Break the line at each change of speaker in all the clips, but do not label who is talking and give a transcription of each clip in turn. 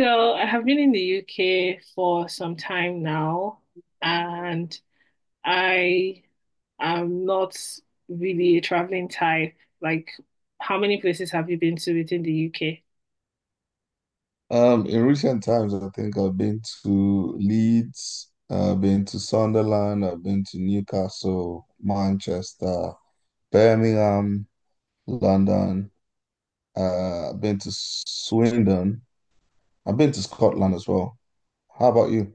So I have been in the UK for some time now, and I am not really a traveling type. Like, how many places have you been to within the UK?
In recent times, I think I've been to Leeds, I've been to Sunderland, I've been to Newcastle, Manchester, Birmingham, London. I've been to Swindon. I've been to Scotland as well. How about you?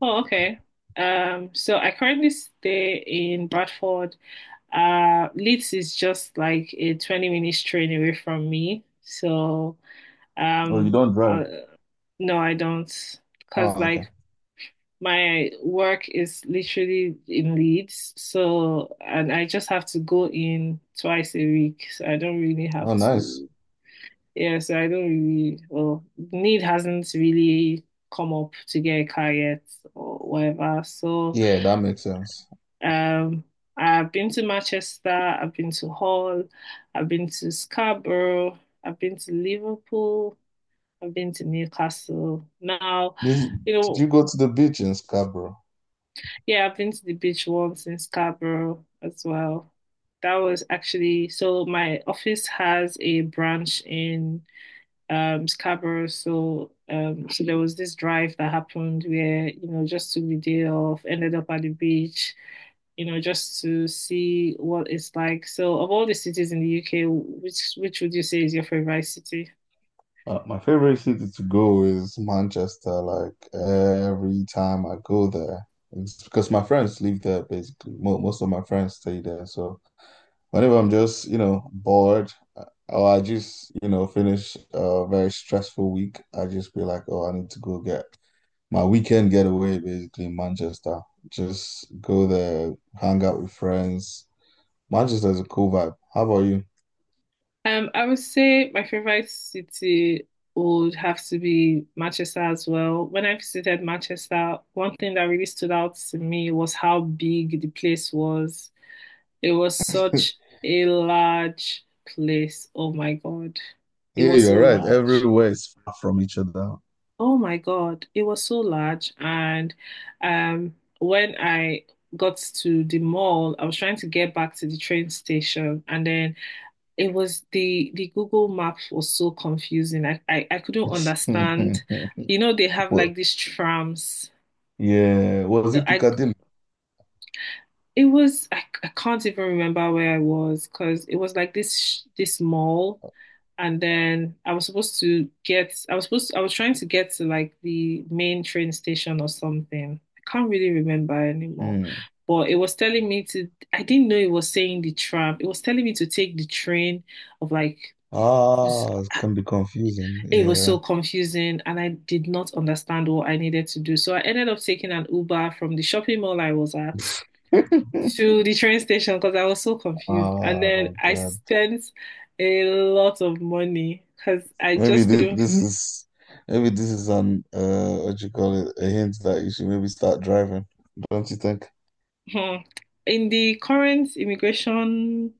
Oh, okay. So I currently stay in Bradford. Leeds is just like a 20 minutes train away from me.
Oh, you
Um,
don't drive?
uh, no, I don't. Because
Oh, okay.
like my work is literally in Leeds, so and I just have to go in twice a week. So I don't really
Oh,
have
nice.
to, yeah, so I don't really, well, need hasn't really come up to get a car yet or whatever. So
Yeah, that makes sense.
um I've been to Manchester, I've been to Hull, I've been to Scarborough, I've been to Liverpool, I've been to Newcastle. Now,
Did,
you
did
know.
you go to the beach in Scarborough?
Yeah, I've been to the beach once in Scarborough as well. That was actually so my office has a branch in Scarborough, so so there was this drive that happened where, just took the day off, ended up at the beach, just to see what it's like. So of all the cities in the UK, which would you say is your favorite city?
My favorite city to go is Manchester. Like every time I go there, it's because my friends live there basically. Mo Most of my friends stay there. So whenever I'm just, bored or I just, finish a very stressful week, I just be like, oh, I need to go get my weekend getaway basically in Manchester. Just go there, hang out with friends. Manchester is a cool vibe. How about you?
I would say my favorite city would have to be Manchester as well. When I visited Manchester, one thing that really stood out to me was how big the place was. It was such a large place. Oh my God. It
Yeah,
was so
you're right.
large.
Everywhere is far from each other.
Oh my God. It was so large. And when I got to the mall, I was trying to get back to the train station, and then it was the Google Maps was so confusing. I couldn't understand. You know, they have like
Well,
these trams.
yeah. Was
So
it
I
Piccadilly?
I can't even remember where I was because it was like this mall, and then I was supposed to get I was supposed to, I was trying to get to like the main train station or something. I can't really remember anymore.
Mm.
But it was telling me to, I didn't know it was saying the tram. It was telling me to take the train of like
Ah, it can be confusing.
it was
Yeah.
so confusing, and I did not understand what I needed to do. So I ended up taking an Uber from the shopping mall I was at to the train station because I was so confused. And then
Oh
I
God.
spent a lot of money because I
Maybe
just couldn't.
this is an what you call it a hint that you should maybe start driving. Don't you think?
Hmm. In the current immigration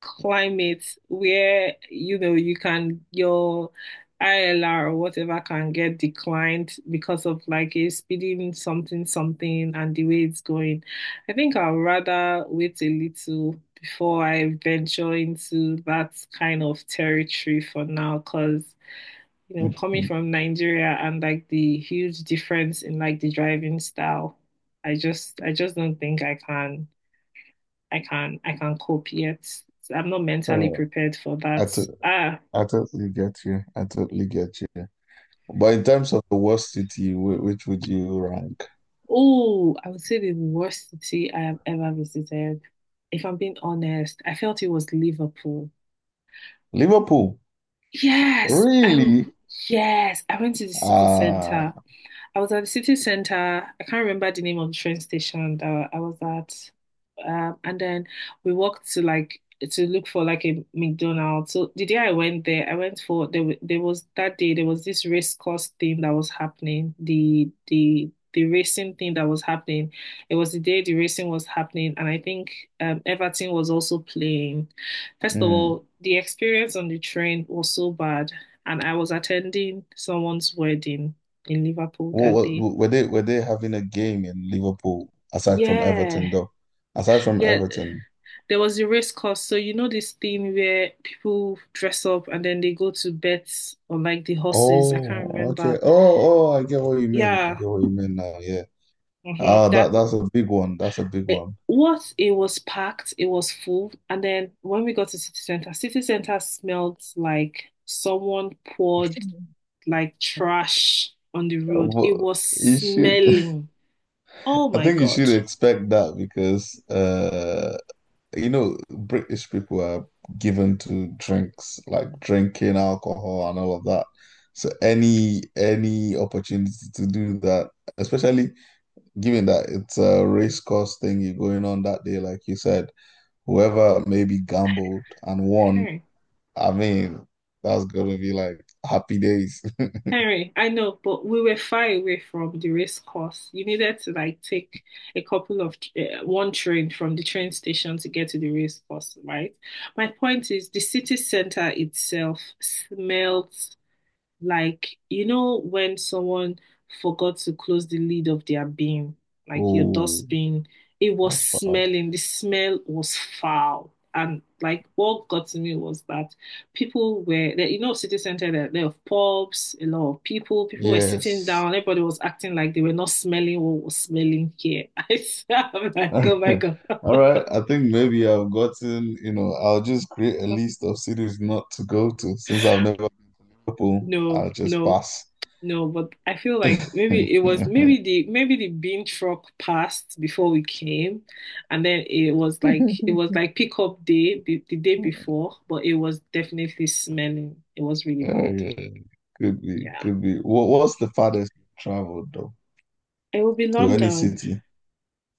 climate where you know you can your ILR or whatever can get declined because of like a speeding something something and the way it's going, I think I'll rather wait a little before I venture into that kind of territory for now because you know, coming
Mhm.
from Nigeria and like the huge difference in like the driving style, I just don't think I can cope yet. I'm not mentally
Oh,
prepared for
I
that.
to-
Ah,
I totally get you. I totally get you. But in terms of the worst city, which would you rank?
oh, I would say the worst city I have ever visited. If I'm being honest, I felt it was Liverpool.
Liverpool,
Yes, I
really?
yes, I went to the city
Ah,
center. I was at the city center. I can't remember the name of the train station that I was at. And then we walked to like to look for like a McDonald's. So the day I went there, I went for there. Wa- There was that day there was this race course thing that was happening. The racing thing that was happening. It was the day the racing was happening, and I think Everton was also playing. First of
mm.
all, the experience on the train was so bad, and I was attending someone's wedding in Liverpool that
What,
day.
what were they having a game in Liverpool aside from
Yeah,
Everton though? Aside from
yeah.
Everton.
There was a race course. So you know this thing where people dress up and then they go to bet on like the horses. I
Oh,
can't
okay.
remember.
Oh, oh, I get what you mean. I
Yeah,
get what you mean now. Yeah.
hmm,
Ah, that
that
that's a big one. That's a big
it,
one.
what it was packed, it was full. And then when we got to city center smelled like someone poured like trash on the road.
But
It was
you should.
smelling. Oh
I
my
think you should
God.
expect that because you know British people are given to drinks like drinking alcohol and all of that. So any opportunity to do that, especially given that it's a race course thing going on that day, like you said, whoever maybe gambled and won,
Hmm.
I mean, that's gonna be like happy days.
Henry, I know, but we were far away from the race course. You needed to like take a couple of one train from the train station to get to the race course, right? My point is the city center itself smells. Like, you know, when someone forgot to close the lid of their bin, like your
Oh,
dustbin, it was
that's bad.
smelling, the smell was foul. And like what got to me was that people were there, you know, city center, there are pubs, a lot of people, people were sitting
Yes.
down, everybody was acting like they were not smelling what was smelling here. I am like, oh my God.
All right. I think maybe I've gotten, you know, I'll just create a list of cities not to go to since I've never been to Liverpool.
No,
I'll just
no.
pass.
No, but I feel like maybe it was maybe the bean truck passed before we came, and then it was like pickup day the day before, but it was definitely smelling. It was really
Yeah,
bad.
yeah. Could be,
Yeah.
could be. What's the farthest you traveled though
It will be
to any
London.
city?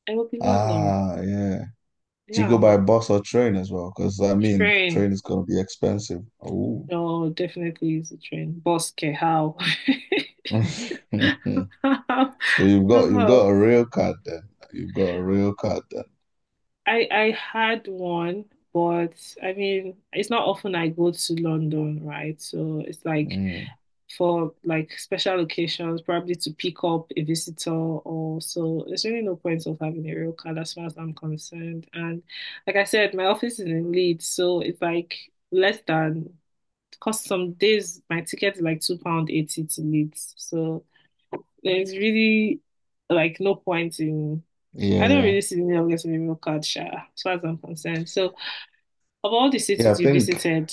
It will be London.
Ah, yeah. Do you go
Yeah.
by bus or train as well? Because I mean,
Train.
train is gonna be expensive. Oh,
No, definitely is a train. Bus, okay, how?
so
How?
you've got
How?
a rail card then. You've got a rail card then.
I had one, but I mean, it's not often I go to London, right? So it's like
Mm,
for like special occasions, probably to pick up a visitor or so. There's really no point of having a real card as far as I'm concerned. And like I said, my office is in Leeds, so it's like less than cost some days my ticket is like £2.80 to Leeds. So there's really like no point in I don't really
yeah.
see the need of getting a meal card, Sha, as far as I'm concerned. So, of all the
Yeah,
cities
I
you
think
visited,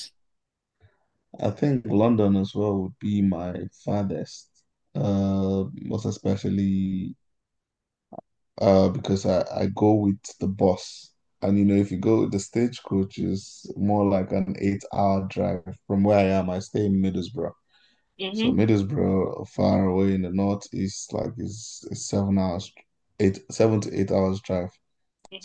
I think London as well would be my farthest. Most especially because I go with the bus, and you know if you go with the stagecoach is more like an 8-hour drive from where I am. I stay in Middlesbrough, so
hmm
Middlesbrough far away in the northeast, like is a 7 hours, 8 7 to 8 hours drive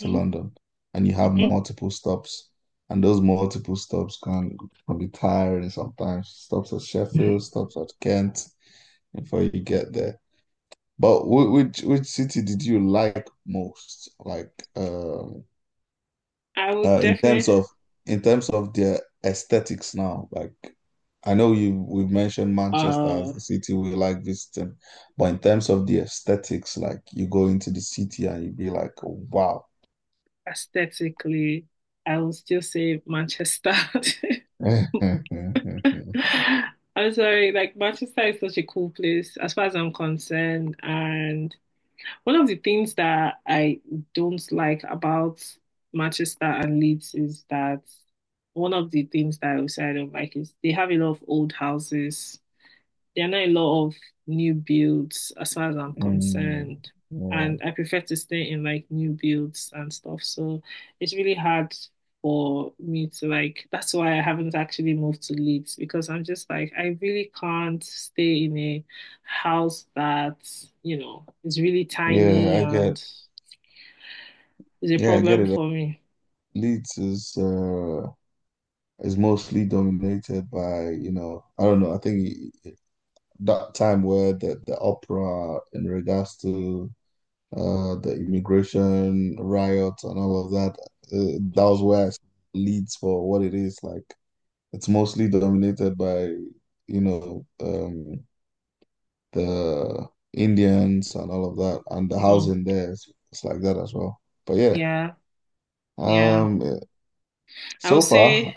to London and you have
hmm
multiple stops and those multiple stops can be tiring sometimes. Stops at Sheffield, stops at Kent before you get there. But which city did you like most? Like
I would
uh in terms
definitely,
of in terms of their aesthetics now, like I know you we've mentioned Manchester
uh,
as the city we like visiting, but in terms of the aesthetics, like you go into the city and you be like, wow.
aesthetically, I would still say Manchester. I'm sorry, like Manchester is such a cool place as far as I'm concerned, and one of the things that I don't like about Manchester and Leeds is that one of the things that I would say I don't like is they have a lot of old houses. There are not a lot of new builds as far as I'm
Mm,
concerned.
yeah.
And I prefer to stay in like new builds and stuff. So it's really hard for me to like, that's why I haven't actually moved to Leeds because I'm just like, I really can't stay in a house that, you know, is really
Yeah,
tiny
I get
and is a
yeah, I get
problem
it.
for me.
Leeds is mostly dominated by, you know, I don't know, I think that time where the opera in regards to the immigration riots and all of that, that was
Hmm.
where I saw Leeds for what it is. Like it's mostly dominated by, you know, um the Indians and all of that and the
Hmm.
housing there is it's like that as well. But yeah.
Yeah. Yeah.
Um,
I would
so far,
say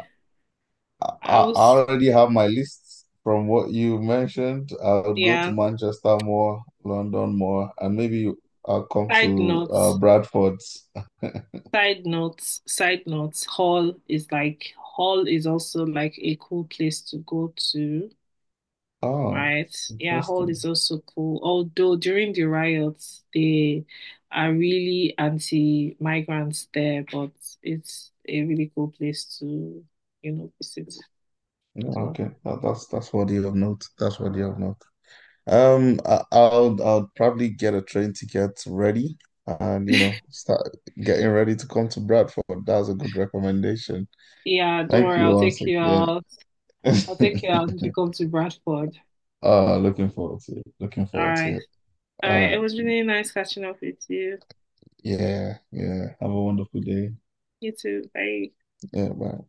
I,
I
I
was,
already have my list from what you mentioned. I would go to
yeah,
Manchester more, London more, and maybe I'll come
side
to
note.
Bradford.
Side notes, Hull is also like a cool place to go to,
Oh,
right? Yeah, Hull is
interesting.
also cool. Although during the riots, they are really anti-migrants there, but it's a really cool place to, you know, visit
Yeah,
as well.
okay. That's what you have note. That's what you have note. I'll probably get a train ticket ready, and you know, start getting ready to come to Bradford. That's a good recommendation.
Yeah, don't
Thank
worry,
you
I'll
once
take you
again.
out. I'll take you out if you come to Bradford.
Looking forward to it. Looking
All
forward to
right.
it.
All
All
right. It
right.
was really nice catching up with you.
Yeah. Yeah. Have a wonderful day.
You too. Bye.
Yeah. Bye.